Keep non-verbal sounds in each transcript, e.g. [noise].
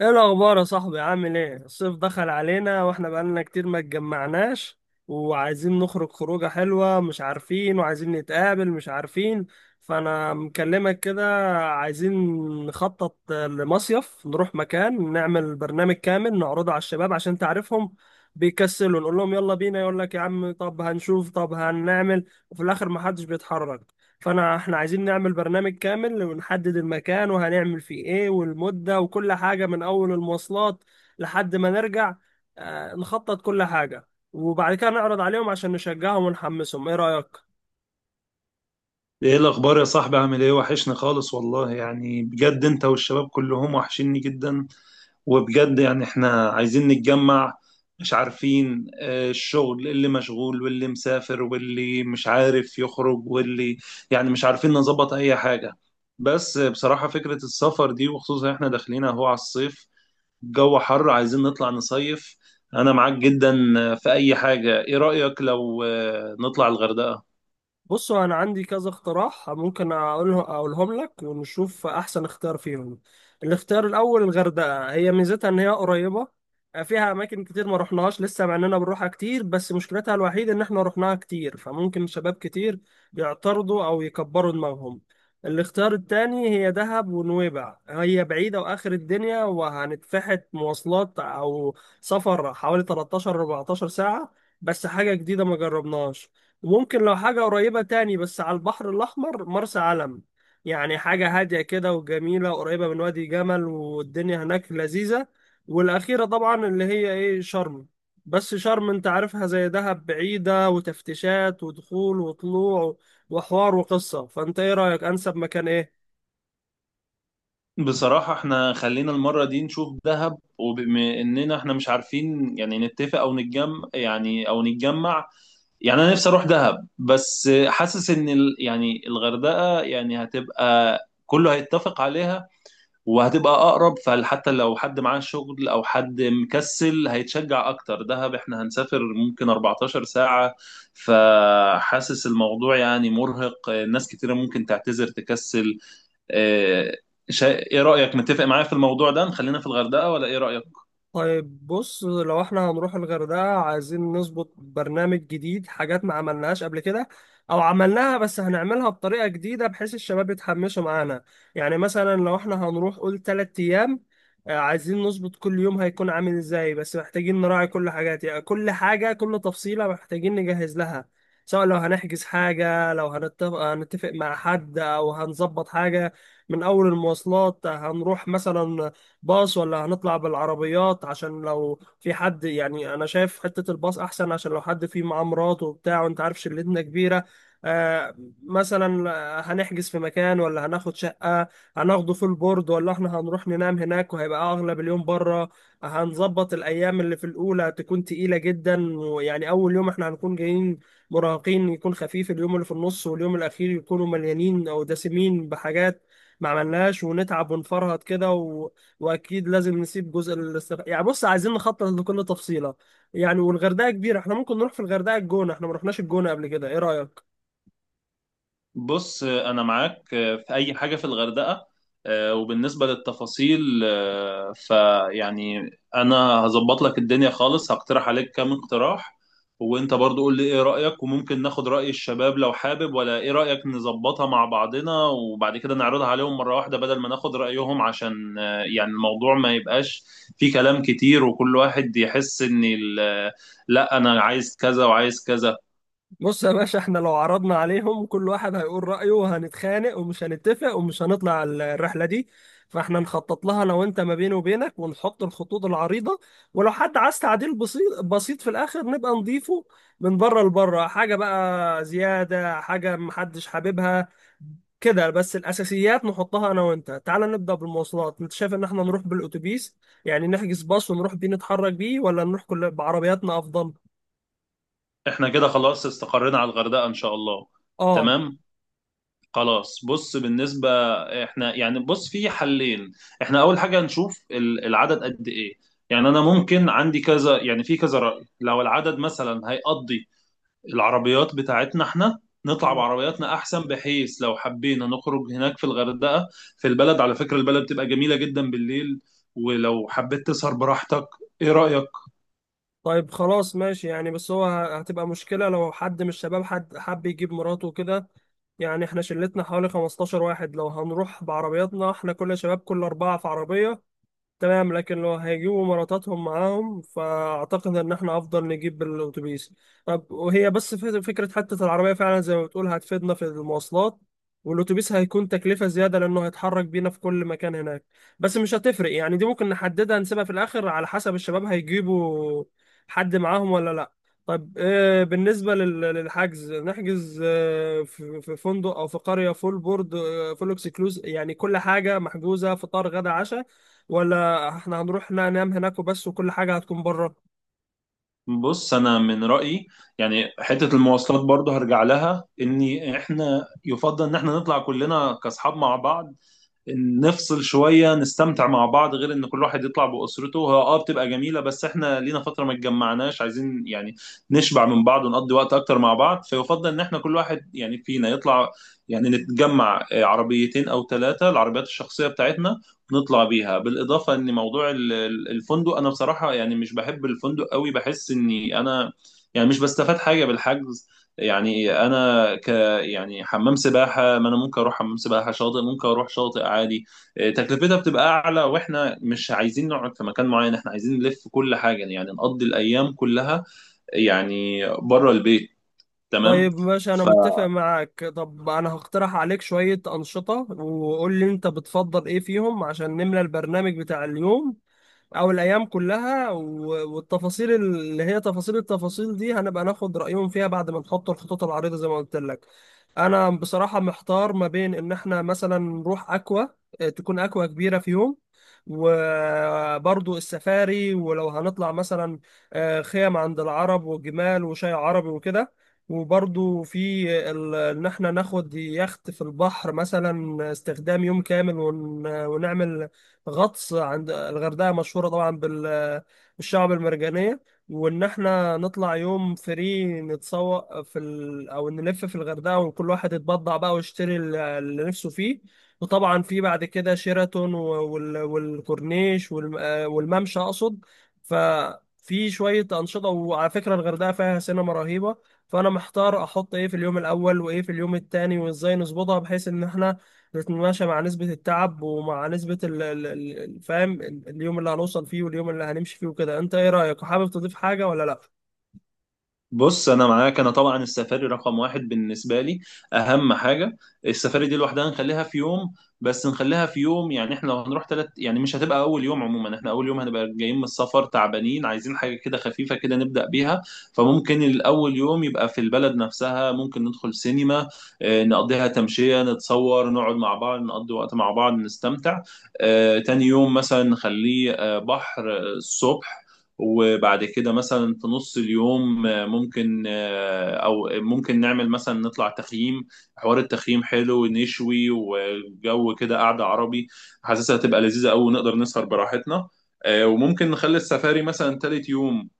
ايه الاخبار يا صاحبي؟ عامل ايه؟ الصيف دخل علينا واحنا بقالنا كتير ما اتجمعناش، وعايزين نخرج خروجه حلوه مش عارفين، وعايزين نتقابل مش عارفين. فانا مكلمك كده. عايزين نخطط لمصيف، نروح مكان، نعمل برنامج كامل نعرضه على الشباب عشان تعرفهم بيكسلوا، نقول لهم يلا بينا يقول لك يا عم طب هنشوف طب هنعمل وفي الاخر ما حدش بيتحرك. فانا احنا عايزين نعمل برنامج كامل ونحدد المكان وهنعمل فيه ايه والمدة وكل حاجة، من اول المواصلات لحد ما نرجع. نخطط كل حاجة وبعد كده نعرض عليهم عشان نشجعهم ونحمسهم. ايه رأيك؟ ايه الاخبار يا صاحبي؟ عامل ايه؟ وحشني خالص والله، يعني بجد انت والشباب كلهم وحشني جدا. وبجد يعني احنا عايزين نتجمع. مش عارفين، الشغل اللي مشغول واللي مسافر واللي مش عارف يخرج واللي يعني مش عارفين نظبط اي حاجة. بس بصراحة فكرة السفر دي، وخصوصا احنا داخلين اهو على الصيف. الجو حر، عايزين نطلع نصيف. انا معاك جدا في اي حاجة. ايه رأيك لو نطلع الغردقة؟ بصوا، انا عندي كذا اقتراح ممكن اقولهم لك ونشوف احسن اختيار فيهم. الاختيار الاول الغردقه، هي ميزتها ان هي قريبه، فيها اماكن كتير ما رحناهاش لسه مع اننا بنروحها كتير، بس مشكلتها الوحيده ان احنا رحناها كتير فممكن شباب كتير يعترضوا او يكبروا دماغهم. الاختيار التاني هي دهب ونويبع، هي بعيدة وآخر الدنيا وهنتفحت مواصلات أو سفر حوالي 13 14 ساعة، بس حاجة جديدة ما جربناهاش. ممكن لو حاجة قريبة تاني بس على البحر الأحمر، مرسى علم، يعني حاجة هادية كده وجميلة، قريبة من وادي جمل والدنيا هناك لذيذة. والأخيرة طبعا اللي هي إيه، شرم. بس شرم أنت عارفها زي دهب، بعيدة وتفتيشات ودخول وطلوع وحوار وقصة. فأنت إيه رأيك؟ أنسب مكان إيه؟ بصراحة احنا خلينا المرة دي نشوف دهب، وبما اننا احنا مش عارفين يعني نتفق او نتجمع. يعني انا نفسي اروح دهب، بس حاسس ان يعني الغردقة يعني هتبقى كله هيتفق عليها. وهتبقى اقرب، فحتى لو حد معاه شغل او حد مكسل هيتشجع اكتر. دهب احنا هنسافر ممكن 14 ساعة. فحاسس الموضوع يعني مرهق، ناس كتيرة ممكن تعتذر تكسل. آه، ايه رأيك، متفق معايا في الموضوع ده نخلينا في الغردقة ولا ايه رأيك؟ طيب بص، لو احنا هنروح الغردقة عايزين نظبط برنامج جديد، حاجات ما عملناهاش قبل كده او عملناها بس هنعملها بطريقة جديدة بحيث الشباب يتحمسوا معانا. يعني مثلا لو احنا هنروح قول تلات ايام، عايزين نظبط كل يوم هيكون عامل ازاي، بس محتاجين نراعي كل حاجات، يعني كل حاجة كل تفصيلة محتاجين نجهز لها. سواء لو هنحجز حاجة، لو هنتفق مع حد او هنظبط حاجة، من اول المواصلات هنروح مثلا باص ولا هنطلع بالعربيات؟ عشان لو في حد، يعني انا شايف حتة الباص احسن عشان لو حد فيه معاه مراته وبتاع، وانت عارف شلتنا كبيرة. آه مثلا، هنحجز في مكان ولا هناخد شقة؟ هناخده في البورد ولا احنا هنروح ننام هناك وهيبقى اغلب اليوم بره؟ هنظبط الايام، اللي في الاولى هتكون تقيلة جدا، ويعني اول يوم احنا هنكون جايين مراهقين يكون خفيف، اليوم اللي في النص واليوم الاخير يكونوا مليانين او دسمين بحاجات ما عملناش ونتعب ونفرهد كده. واكيد لازم نسيب جزء يعني بص عايزين نخطط لكل تفصيله. يعني والغردقه كبيره، احنا ممكن نروح في الغردقه الجونه، احنا ما رحناش الجونه قبل كده. ايه رايك؟ بص انا معاك في اي حاجه في الغردقه. وبالنسبه للتفاصيل، فيعني انا هظبط لك الدنيا خالص، هقترح عليك كام اقتراح. وانت برضو قول لي ايه رايك، وممكن ناخد راي الشباب لو حابب، ولا ايه رايك نظبطها مع بعضنا وبعد كده نعرضها عليهم مره واحده بدل ما ناخد رايهم، عشان يعني الموضوع ما يبقاش فيه كلام كتير وكل واحد يحس ان لا انا عايز كذا وعايز كذا. بص يا باشا، احنا لو عرضنا عليهم كل واحد هيقول رايه وهنتخانق ومش هنتفق ومش هنطلع الرحله دي. فاحنا نخطط لها انا وانت ما بيني وبينك، ونحط الخطوط العريضه، ولو حد عايز تعديل بسيط بسيط في الاخر نبقى نضيفه، من بره لبره، حاجه بقى زياده، حاجه محدش حاببها كده، بس الاساسيات نحطها انا وانت. تعال نبدا بالمواصلات، انت شايف ان احنا نروح بالاتوبيس، يعني نحجز باص ونروح بيه نتحرك بيه، ولا نروح كل بعربياتنا افضل؟ احنا كده خلاص استقرينا على الغردقة ان شاء الله. اه. تمام. خلاص. بص بالنسبة، احنا يعني بص، في حلين. احنا اول حاجة نشوف العدد قد ايه. يعني انا ممكن عندي كذا، يعني في كذا رأي. لو العدد مثلا هيقضي العربيات بتاعتنا احنا، نطلع مم. بعربياتنا احسن، بحيث لو حبينا نخرج هناك في الغردقة في البلد. على فكرة البلد بتبقى جميلة جدا بالليل، ولو حبيت تسهر براحتك. ايه رأيك؟ طيب خلاص ماشي، يعني بس هو هتبقى مشكله لو حد من الشباب حد حب يجيب مراته وكده. يعني احنا شلتنا حوالي 15 واحد، لو هنروح بعربياتنا احنا كل شباب كل اربعه في عربيه تمام، لكن لو هيجيبوا مراتاتهم معاهم فأعتقد إن إحنا أفضل نجيب الأتوبيس. طب وهي بس فكرة حتة العربية فعلا زي ما بتقول هتفيدنا في المواصلات، والأتوبيس هيكون تكلفة زيادة لأنه هيتحرك بينا في كل مكان هناك. بس مش هتفرق، يعني دي ممكن نحددها نسيبها في الآخر على حسب الشباب هيجيبوا حد معاهم ولا لأ. طب، بالنسبة للحجز نحجز، في فندق أو في قرية فول بورد، فول اكسكلوز، يعني كل حاجة محجوزة فطار غدا عشاء، ولا احنا هنروح لا ننام هناك وبس وكل حاجة هتكون بره؟ بص انا من رايي، يعني حته المواصلات برضه هرجع لها، ان احنا يفضل ان احنا نطلع كلنا كاصحاب مع بعض. نفصل شويه نستمتع مع بعض، غير ان كل واحد يطلع باسرته هو، بتبقى جميله، بس احنا لينا فتره ما اتجمعناش، عايزين يعني نشبع من بعض، ونقضي وقت اكتر مع بعض. فيفضل ان احنا كل واحد يعني فينا يطلع، يعني نتجمع عربيتين او ثلاثه، العربيات الشخصيه بتاعتنا نطلع بيها. بالاضافه ان موضوع الفندق، انا بصراحه يعني مش بحب الفندق قوي، بحس اني انا يعني مش بستفاد حاجه بالحجز. يعني انا ك يعني حمام سباحة؟ ما أنا ممكن أروح حمام سباحة. شاطئ؟ ممكن أروح شاطئ عادي. تكلفتها بتبقى أعلى، وإحنا مش عايزين نقعد في مكان معين. إحنا عايزين نلف كل حاجة، يعني نقضي الأيام كلها يعني بره البيت. تمام. طيب ماشي، انا متفق معاك. طب انا هقترح عليك شوية انشطة وقول لي انت بتفضل ايه فيهم عشان نملى البرنامج بتاع اليوم او الايام كلها، والتفاصيل اللي هي تفاصيل، التفاصيل دي هنبقى ناخد رايهم فيها بعد ما نحط الخطوط العريضه زي ما قلت لك. انا بصراحه محتار ما بين ان احنا مثلا نروح اكوا، تكون اكوا كبيره في يوم، وبرضو السفاري، ولو هنطلع مثلا خيم عند العرب وجمال وشاي عربي وكده، وبرضو في ان احنا ناخد يخت في البحر مثلا استخدام يوم كامل ونعمل غطس، عند الغردقة مشهورة طبعا بالشعب المرجانية. وإن إحنا نطلع يوم فري نتسوق في أو نلف في الغردقة وكل واحد يتبضع بقى ويشتري اللي نفسه فيه، وطبعا في بعد كده شيراتون والكورنيش والممشى أقصد. ففي شوية أنشطة، وعلى فكرة الغردقة فيها سينما رهيبة. فأنا محتار أحط إيه في اليوم الأول وإيه في اليوم التاني وإزاي نظبطها بحيث إن إحنا بتتماشى مع نسبة التعب ومع نسبة فاهم اليوم اللي هنوصل فيه واليوم اللي هنمشي فيه وكده. انت ايه رأيك حابب تضيف حاجة ولا لا؟ بص انا معاك. انا طبعا السفاري رقم واحد بالنسبه لي، اهم حاجه. السفاري دي لوحدها نخليها في يوم. بس نخليها في يوم، يعني احنا لو هنروح تلت، يعني مش هتبقى اول يوم. عموما احنا اول يوم هنبقى جايين من السفر تعبانين، عايزين حاجه كده خفيفه كده نبدا بيها. فممكن الاول يوم يبقى في البلد نفسها، ممكن ندخل سينما، نقضيها تمشيه، نتصور، نقعد مع بعض نقضي وقت مع بعض نستمتع. تاني يوم مثلا نخليه بحر الصبح، وبعد كده مثلا في نص اليوم ممكن او ممكن نعمل مثلا نطلع تخييم. حوار التخييم حلو، ونشوي، وجو كده قعدة عربي. حاسسها هتبقى لذيذة قوي، ونقدر نسهر براحتنا. وممكن نخلي السفاري مثلا تالت يوم،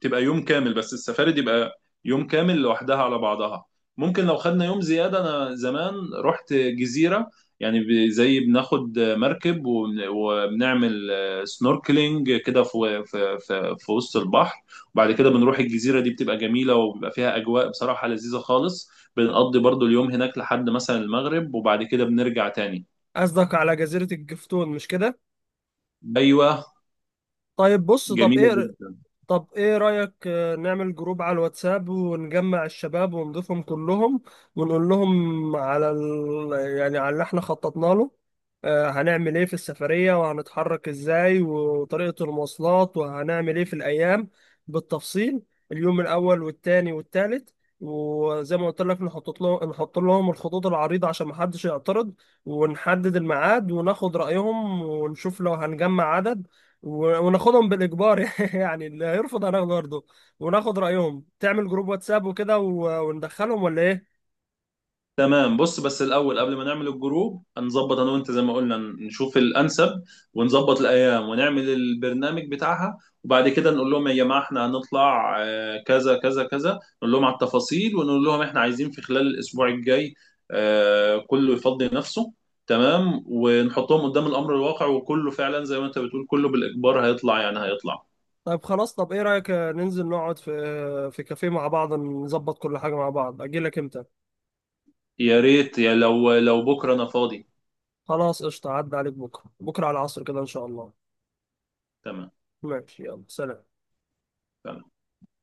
تبقى يوم كامل. بس السفاري دي يبقى يوم كامل لوحدها على بعضها. ممكن لو خدنا يوم زيادة، أنا زمان رحت جزيرة، يعني زي بناخد مركب وبنعمل سنوركلينج كده في وسط البحر. وبعد كده بنروح الجزيرة، دي بتبقى جميلة وبيبقى فيها أجواء بصراحة لذيذة خالص. بنقضي برضو اليوم هناك لحد مثلا المغرب، وبعد كده بنرجع تاني. قصدك على جزيرة الجفتون، مش كده؟ أيوة. طيب بص، جميلة جدا. طب ايه رأيك نعمل جروب على الواتساب ونجمع الشباب ونضيفهم كلهم، ونقول لهم على يعني على اللي احنا خططنا له، هنعمل ايه في السفرية وهنتحرك ازاي وطريقة المواصلات وهنعمل ايه في الايام بالتفصيل، اليوم الاول والتاني والتالت، وزي ما قلت لك نحط لهم الخطوط العريضة عشان محدش يعترض، ونحدد الميعاد وناخد رأيهم ونشوف لو هنجمع عدد، وناخدهم بالاجبار [laughs] يعني اللي هيرفض هناخده برضه وناخد رايهم. تعمل جروب واتساب وكده وندخلهم ولا ايه؟ تمام. بص بس الاول قبل ما نعمل الجروب هنظبط انا وانت زي ما قلنا، نشوف الانسب، ونظبط الايام، ونعمل البرنامج بتاعها. وبعد كده نقول لهم يا جماعه احنا هنطلع كذا كذا كذا، نقول لهم على التفاصيل، ونقول لهم احنا عايزين في خلال الاسبوع الجاي كله يفضي نفسه. تمام. ونحطهم قدام الامر الواقع، وكله فعلا زي ما انت بتقول كله بالاجبار هيطلع، يعني هيطلع. طيب خلاص، طب ايه رايك ننزل نقعد في كافيه مع بعض نظبط كل حاجه مع بعض؟ اجي لك امتى؟ يا ريت. يا لو لو بكره انا فاضي. خلاص قشطه، عدى عليك بكره، بكره على العصر كده ان شاء الله. تمام، ماشي، يلا، سلام. تمام.